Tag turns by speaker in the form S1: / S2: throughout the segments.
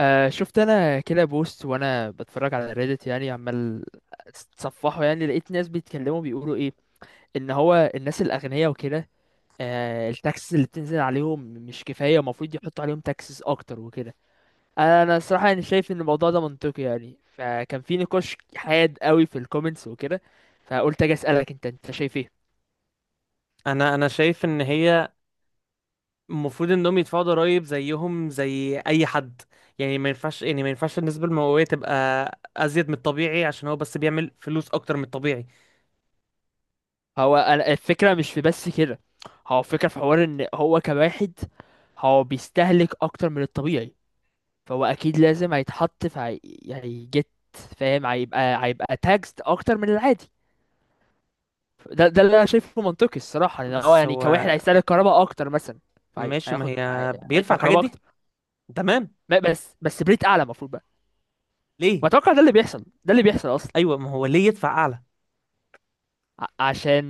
S1: آه، شفت انا كده بوست وانا بتفرج على ريدت، يعني عمال اتصفحه، يعني لقيت ناس بيتكلموا بيقولوا ايه، ان هو الناس الاغنياء وكده. آه، التاكسز اللي بتنزل عليهم مش كفايه، المفروض يحطوا عليهم تاكسز اكتر وكده. انا الصراحه يعني شايف ان الموضوع ده منطقي، يعني فكان في نقاش حاد قوي في الكومنتس وكده، فقلت اجي اسالك انت شايف ايه؟
S2: انا شايف ان هي المفروض انهم يدفعوا ضرائب زيهم زي اي حد. يعني ما ينفعش، ما ينفعش النسبه المئويه تبقى ازيد من الطبيعي عشان هو بس بيعمل فلوس اكتر من الطبيعي.
S1: هو انا الفكره مش في بس كده، هو الفكره في حوار ان هو كواحد، هو بيستهلك اكتر من الطبيعي، فهو اكيد لازم هيتحط في هيجت، فاهم؟ هيبقى تاكسد اكتر من العادي. ده اللي انا شايفه منطقي الصراحه، لأن هو
S2: بس
S1: يعني
S2: هو
S1: كواحد هيستهلك كهرباء اكتر مثلا،
S2: ماشي، ما
S1: هياخد
S2: هي بيدفع
S1: هيدفع
S2: الحاجات
S1: كهرباء اكتر.
S2: دي. تمام.
S1: بس بريت اعلى المفروض بقى،
S2: ليه؟
S1: واتوقع ده اللي بيحصل، ده اللي بيحصل اصلا.
S2: ايوه، ما هو ليه يدفع اعلى؟
S1: عشان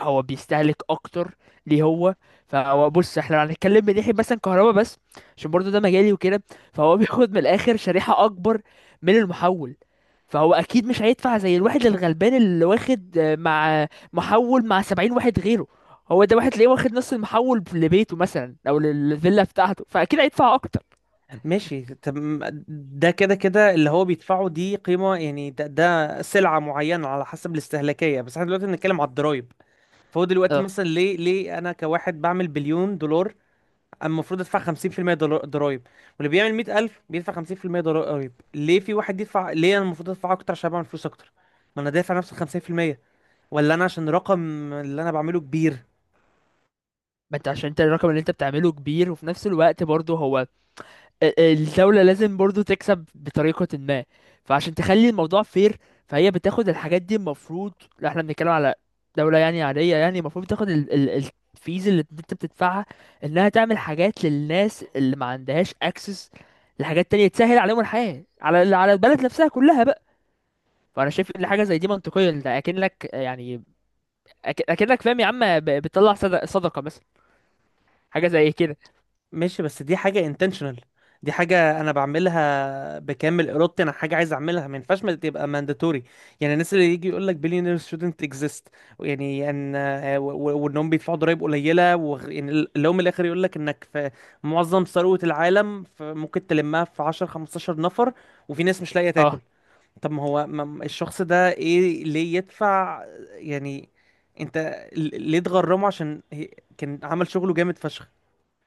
S1: هو بيستهلك اكتر. ليه هو؟ فهو بص، احنا لو هنتكلم من ناحيه مثلا كهرباء بس، عشان برضو ده مجالي وكده، فهو بياخد من الاخر شريحه اكبر من المحول. فهو اكيد مش هيدفع زي الواحد الغلبان اللي واخد، مع محول مع 70 واحد غيره. هو ده واحد تلاقيه واخد نص المحول لبيته مثلا، او للفيلا بتاعته، فاكيد هيدفع اكتر.
S2: ماشي، تم. ده كده كده اللي هو بيدفعه دي قيمه، يعني ده, ده سلعه معينه على حسب الاستهلاكيه، بس احنا دلوقتي بنتكلم على الضرايب. فهو دلوقتي
S1: اه،
S2: مثلا ليه، ليه انا كواحد بعمل 1,000,000,000 دولار اما المفروض ادفع 50% ضرايب، واللي بيعمل 100,000 بيدفع 50% ضرايب؟ ليه في واحد يدفع؟ ليه انا المفروض ادفع اكتر عشان بعمل فلوس اكتر؟ ما انا دافع نفس ال 50%، ولا انا عشان الرقم اللي انا بعمله كبير؟
S1: ما انت عشان انت الرقم اللي انت بتعمله كبير، وفي نفس الوقت برضه هو الدولة لازم برضو تكسب بطريقة ما، فعشان تخلي الموضوع فير، فهي بتاخد الحاجات دي المفروض. لا، احنا بنتكلم على دولة يعني عادية، يعني المفروض تاخد ال الفيز اللي انت بتدفعها، انها تعمل حاجات للناس اللي ما عندهاش اكسس لحاجات تانية تسهل عليهم الحياة، على البلد نفسها كلها بقى. فانا شايف ان حاجة زي دي منطقية، انت اكنك يعني اكنك فاهم يا عم، بتطلع صدقة مثلا، حاجة زي كده.
S2: ماشي، بس دي حاجة intentional. دي حاجة أنا بعملها بكامل إرادتي، أنا حاجة عايز أعملها، ما ينفعش ما تبقى mandatory. يعني الناس اللي يجي يقول لك billionaires shouldn't exist، يعني أن وإنهم بيدفعوا ضرايب قليلة يعني اللي هو من الآخر يقول لك إنك في معظم ثروة العالم ممكن تلمها في 10 15 نفر، وفي ناس مش لاقية تاكل.
S1: اه،
S2: طب ما هو الشخص ده إيه، ليه يدفع؟ يعني أنت ليه تغرمه؟ عشان كان عمل شغله جامد فشخ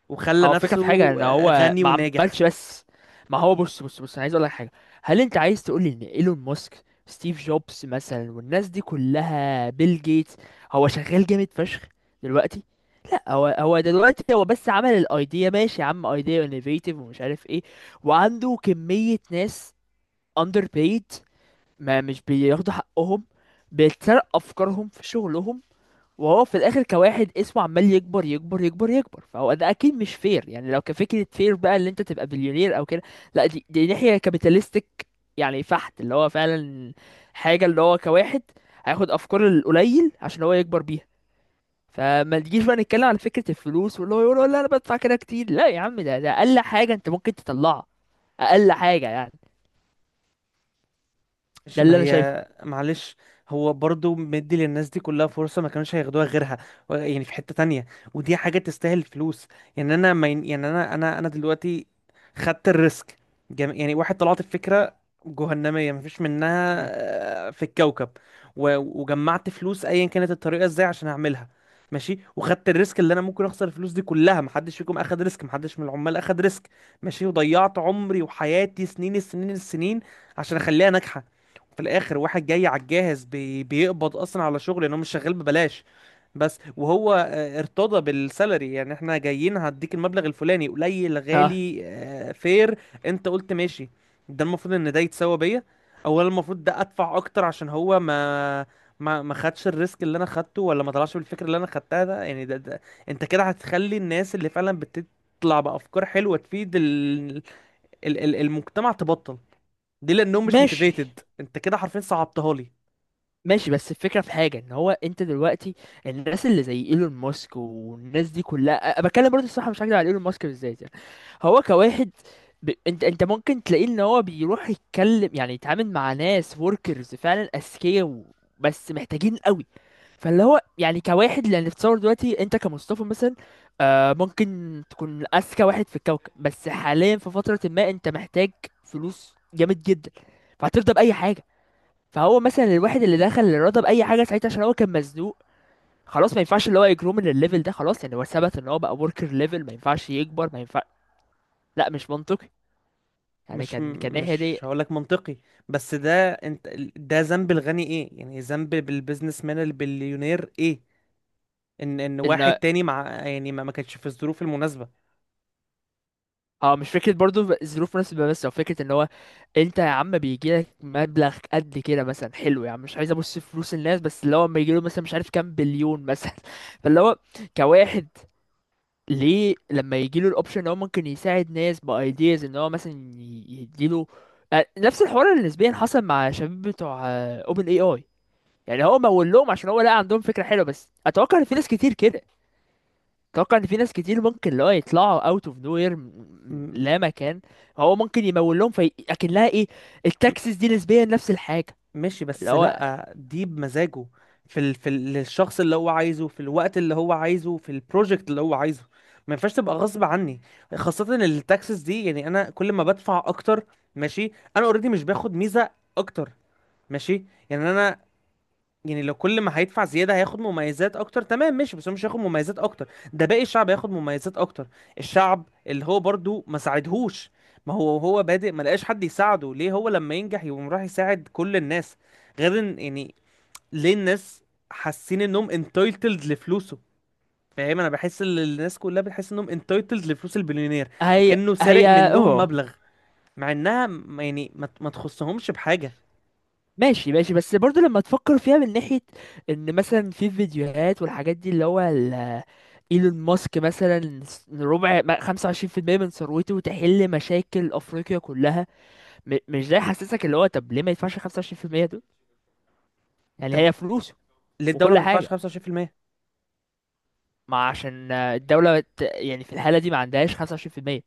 S2: وخلى
S1: هو الفكرة في حاجة
S2: نفسه
S1: ان هو
S2: غني
S1: ما
S2: وناجح.
S1: عملش بس. ما هو، بص بص بص، انا عايز اقول لك حاجة. هل انت عايز تقول لي ان ايلون ماسك، ستيف جوبز مثلا، والناس دي كلها، بيل جيتس، هو شغال جامد فشخ دلوقتي؟ لا، هو دلوقتي هو بس عمل الايديا، ماشي يا عم، ايديا انوفيتيف ومش عارف ايه، وعنده كمية ناس اندر بيد، ما مش بياخدوا حقهم، بيتسرق افكارهم في شغلهم، وهو في الاخر كواحد اسمه عمال يكبر يكبر يكبر يكبر، فهو ده اكيد مش فير، يعني لو كفكره فير بقى اللي انت تبقى بليونير او كده. لا، دي ناحيه كابيتالستيك، يعني فحت اللي هو فعلا حاجه، اللي هو كواحد هياخد افكار القليل عشان هو يكبر بيها. فما تجيش بقى نتكلم على فكره الفلوس، واللي هو يقول لا انا بدفع كده كتير. لا يا عم، ده اقل حاجه انت ممكن تطلعها، اقل حاجه يعني.
S2: مش،
S1: ده
S2: ما
S1: اللي انا شايفه.
S2: هي معلش، هو برضو مدي للناس دي كلها فرصة ما كانوش هياخدوها غيرها. يعني في حتة تانية، ودي حاجة تستاهل فلوس. يعني انا ما ين- يعني انا دلوقتي خدت الريسك. يعني واحد طلعت الفكرة جهنمية مفيش منها
S1: مم.
S2: في الكوكب، و- وجمعت فلوس ايا كانت الطريقة ازاي عشان اعملها. ماشي، وخدت الريسك اللي انا ممكن اخسر الفلوس دي كلها. محدش فيكم اخد ريسك، محدش من العمال اخد ريسك. ماشي، وضيعت عمري وحياتي سنين السنين عشان اخليها ناجحة. في الاخر واحد جاي على الجاهز بيقبض اصلا على شغل لان هو مش شغال ببلاش بس. وهو ارتضى بالسالري، يعني احنا جايين هديك المبلغ الفلاني قليل،
S1: اه.
S2: غالي، فير. انت قلت ماشي. ده المفروض ان ده يتساوى بيا. اولا المفروض ده ادفع اكتر عشان هو ما خدش الريسك اللي انا خدته، ولا ما طلعش بالفكره اللي انا خدتها. ده يعني ده, ده انت كده هتخلي الناس اللي فعلا بتطلع بافكار حلوه تفيد المجتمع تبطل دي، لانهم مش
S1: ماشي،
S2: موتيفيتد. انت كده حرفيا صعبتها لي.
S1: ماشي، بس الفكرة في حاجة ان هو انت دلوقتي، الناس اللي زي ايلون ماسك والناس دي كلها بتكلم برضه، الصراحة مش هكدب، على ايلون ماسك بالذات يعني. هو كواحد، انت ممكن تلاقيه ان هو بيروح يتكلم، يعني يتعامل مع ناس وركرز فعلا اذكياء و... بس محتاجين قوي. فاللي هو يعني كواحد، لان تصور دلوقتي انت كمصطفى مثلا، آه، ممكن تكون اذكى واحد في الكوكب، بس حاليا في فترة ما انت محتاج فلوس جامد جدا، فهترضى بأي حاجة. فهو مثلا الواحد اللي دخل الرياضه باي حاجه ساعتها عشان هو كان مزنوق، خلاص، ما ينفعش اللي هو يجرو من الليفل ده خلاص، يعني هو ثبت ان هو بقى وركر ليفل، ما ينفعش يكبر، ما ينفع. لا، مش منطقي، يعني
S2: مش
S1: كان ناحيه
S2: مش
S1: دي.
S2: هقولك منطقي، بس ده انت. ده ذنب الغني ايه؟ يعني ذنب بالبيزنس مان البليونير ايه؟ ان واحد
S1: ان،
S2: تاني مع، يعني ما كانش في الظروف المناسبة.
S1: اه، مش فكره برضو الظروف مناسبه بس، او فكره ان هو، انت يا عم بيجي لك مبلغ قد كده مثلا حلو، يعني مش عايز ابص في فلوس الناس، بس اللي هو لما يجي له مثلا مش عارف كام بليون مثلا فاللي هو كواحد، ليه لما يجيله الاوبشن ان هو ممكن يساعد ناس بايدياز، ان هو مثلا يديله، نفس الحوار اللي نسبيا حصل مع شباب بتوع اوبن اي اي، يعني هو مول لهم عشان هو لقى عندهم فكره حلوه، بس اتوقع ان في ناس كتير كده، اتوقع ان في ناس كتير ممكن اللي هو يطلعوا اوت اوف نوير من
S2: م-
S1: لا مكان، هو ممكن يمول لهم، في اكنها ايه،
S2: م-
S1: التاكسس دي نسبيا نفس الحاجه.
S2: ماشي،
S1: اللي
S2: بس
S1: هو،
S2: لا دي بمزاجه، في للشخص اللي هو عايزه، في الوقت اللي هو عايزه، في البروجكت اللي هو عايزه. ما ينفعش تبقى غصب عني، خاصة إن التاكسس دي، يعني انا كل ما بدفع اكتر، ماشي انا اوريدي مش باخد ميزة اكتر. ماشي. يعني انا، يعني لو كل ما هيدفع زياده هياخد مميزات اكتر، تمام ماشي. بس هو مش هياخد مميزات اكتر، ده باقي الشعب هياخد مميزات اكتر، الشعب اللي هو برضو ما ساعدهوش. ما هو هو بادئ ما لقاش حد يساعده، ليه هو لما ينجح يقوم راح يساعد كل الناس؟ غير ان يعني ليه الناس حاسين انهم انتايتلد لفلوسه؟ فاهم؟ انا بحس ان الناس كلها بتحس انهم انتايتلد لفلوس البليونير،
S1: هي
S2: كأنه سارق
S1: هي
S2: منهم مبلغ، مع انها يعني ما تخصهمش بحاجه.
S1: ماشي، ماشي، بس برضو لما تفكر فيها من ناحية ان مثلا في فيديوهات والحاجات دي، اللي هو ايلون ماسك مثلا ربع 25% من ثروته تحل مشاكل افريقيا كلها. مش ده يحسسك؟ اللي هو طب ليه ما يدفعش 25% دول؟ يعني
S2: طب
S1: هي فلوسه
S2: ليه الدوله
S1: وكل
S2: ما تدفعش
S1: حاجة.
S2: 25%؟
S1: ما عشان الدولة يعني في الحالة دي ما عندهاش 25%،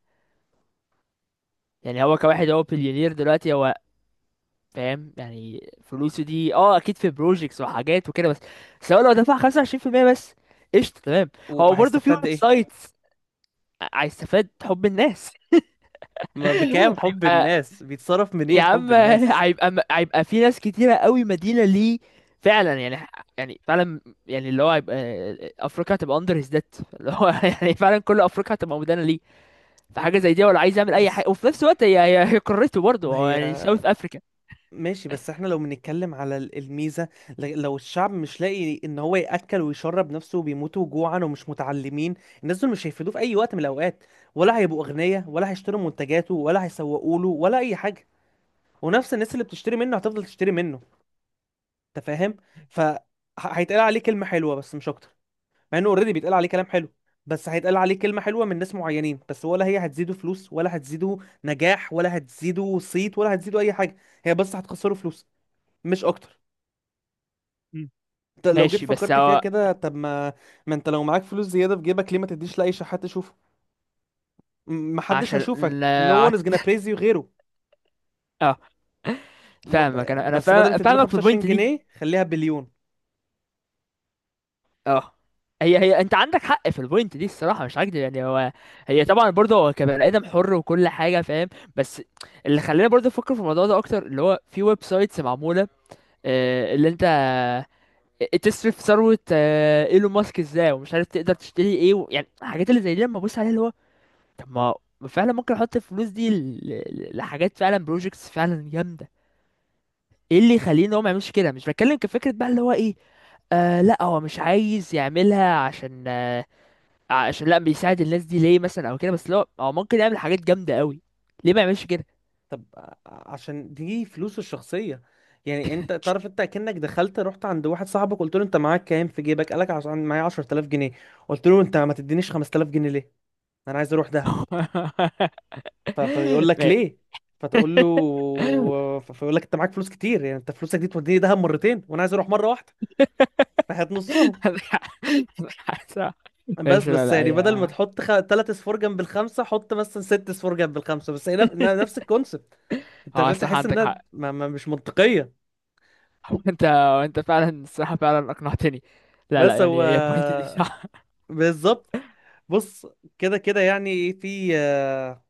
S1: يعني هو كواحد، هو بليونير دلوقتي، هو فاهم، يعني فلوسه دي اه اكيد في بروجيكتس وحاجات وكده، بس بس هو لو دفع 25% بس، قشطه تمام. هو برضه في
S2: وهيستفاد
S1: ويب
S2: ايه؟
S1: سايتس. هيستفاد حب الناس.
S2: ما
S1: ايوه،
S2: بكام حب
S1: هيبقى،
S2: الناس؟ بيتصرف
S1: يا
S2: منين حب
S1: عم
S2: الناس؟
S1: هيبقى في ناس كتيره قوي مدينه ليه، فعلا يعني، يعني فعلا، يعني اللي هو هيبقى، افريقيا هتبقى اندر هيز ديت، اللي هو يعني فعلا كل افريقيا هتبقى مدانه ليه. فحاجه زي دي، ولا عايز يعمل اي
S2: بس
S1: حاجه؟ وفي نفس الوقت هي قارته برضه
S2: ما
S1: هو،
S2: هي،
S1: يعني ساوث افريكا.
S2: ماشي بس احنا لو بنتكلم على الميزة، لو الشعب مش لاقي ان هو يأكل ويشرب نفسه وبيموتوا جوعا ومش متعلمين، الناس دول مش هيفيدوه في اي وقت من الاوقات، ولا هيبقوا اغنياء، ولا هيشتروا منتجاته، ولا هيسوقوا له، ولا اي حاجة. ونفس الناس اللي بتشتري منه هتفضل تشتري منه، انت فاهم؟ فهيتقال عليه كلمة حلوة بس، مش اكتر، مع انه اوريدي بيتقال عليه كلام حلو. بس هيتقال عليه كلمة حلوة من ناس معينين بس، ولا هي هتزيده فلوس، ولا هتزيده نجاح، ولا هتزيده صيت، ولا هتزيده اي حاجة. هي بس هتخسره فلوس، مش اكتر. انت لو جيت
S1: ماشي بس
S2: فكرت فيها
S1: هو
S2: كده، طب ما، ما انت لو معاك فلوس زيادة في جيبك ليه ما تديش لاي شحات تشوفه؟ محدش
S1: عشان،
S2: هيشوفك no one is gonna praise you غيره.
S1: اه، فاهمك، انا انا
S2: بس بدل ما تديله
S1: فاهمك في
S2: 25
S1: البوينت دي.
S2: جنيه خليها بليون.
S1: اه، هي، انت عندك حق في البوينت دي الصراحه، مش هكدب، يعني هو، هي طبعا برضه هو كبني ادم حر، وكل حاجه فاهم. بس اللي خلاني برضه افكر في الموضوع ده اكتر، اللي هو في ويب سايتس معموله، اللي انت تصرف ثروه ايلون ماسك ازاي، ومش عارف تقدر تشتري ايه و... يعني الحاجات اللي زي دي لما ابص عليها اللي هو، طب ما فعلا ممكن احط الفلوس دي لحاجات فعلا، بروجكتس فعلا جامده. ايه اللي يخليني هو ما يعملش كده؟ مش بتكلم كفكره بقى اللي هو ايه، آه لا، هو مش عايز يعملها عشان، عشان لا بيساعد الناس دي ليه مثلا او كده، بس لو هو ممكن يعمل حاجات جامده قوي، ليه ما يعملش كده؟
S2: طب عشان دي فلوسه الشخصية. يعني انت تعرف، انت كأنك دخلت رحت عند واحد صاحبك قلت له انت معاك كام في جيبك، قالك عشان معايا 10,000 جنيه، قلت له انت ما تدينيش 5000 جنيه ليه؟ انا عايز اروح دهب. فيقول لك
S1: ما-
S2: ليه، فتقول له، فيقول لك انت معاك فلوس كتير، يعني انت فلوسك دي توديني دهب مرتين وانا عايز اروح مرة واحدة، فهات نصهم. بس
S1: ماشي، لا
S2: بس
S1: لا
S2: يعني بدل ما
S1: يا،
S2: تحط تلات اصفار جنب الخمسة، حط مثلا ست اصفار جنب الخمسة، بس هي نفس الكونسبت. انت
S1: اه
S2: فاهم؟
S1: صح،
S2: تحس
S1: عندك
S2: انها
S1: حق.
S2: ما... ما مش منطقية.
S1: انت انت فعلا الصراحه فعلا اقنعتني. لا لا،
S2: بس
S1: يعني
S2: هو
S1: هي البوينت دي صح.
S2: بالظبط. بص، كده كده يعني في آه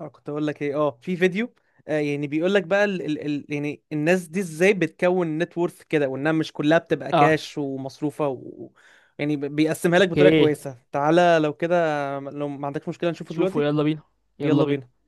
S2: آه، كنت اقول لك ايه، اه في فيديو يعني بيقول لك بقى ال ال ال يعني الناس دي ازاي بتكون نت وورث كده، وانها مش كلها بتبقى
S1: اه،
S2: كاش ومصروفه يعني بيقسمها لك بطريقه
S1: اوكي،
S2: كويسه. تعالى لو كده، لو ما عندكش مشكله نشوفه
S1: شوفوا،
S2: دلوقتي.
S1: يلا بينا، يلا
S2: يلا
S1: بينا.
S2: بينا.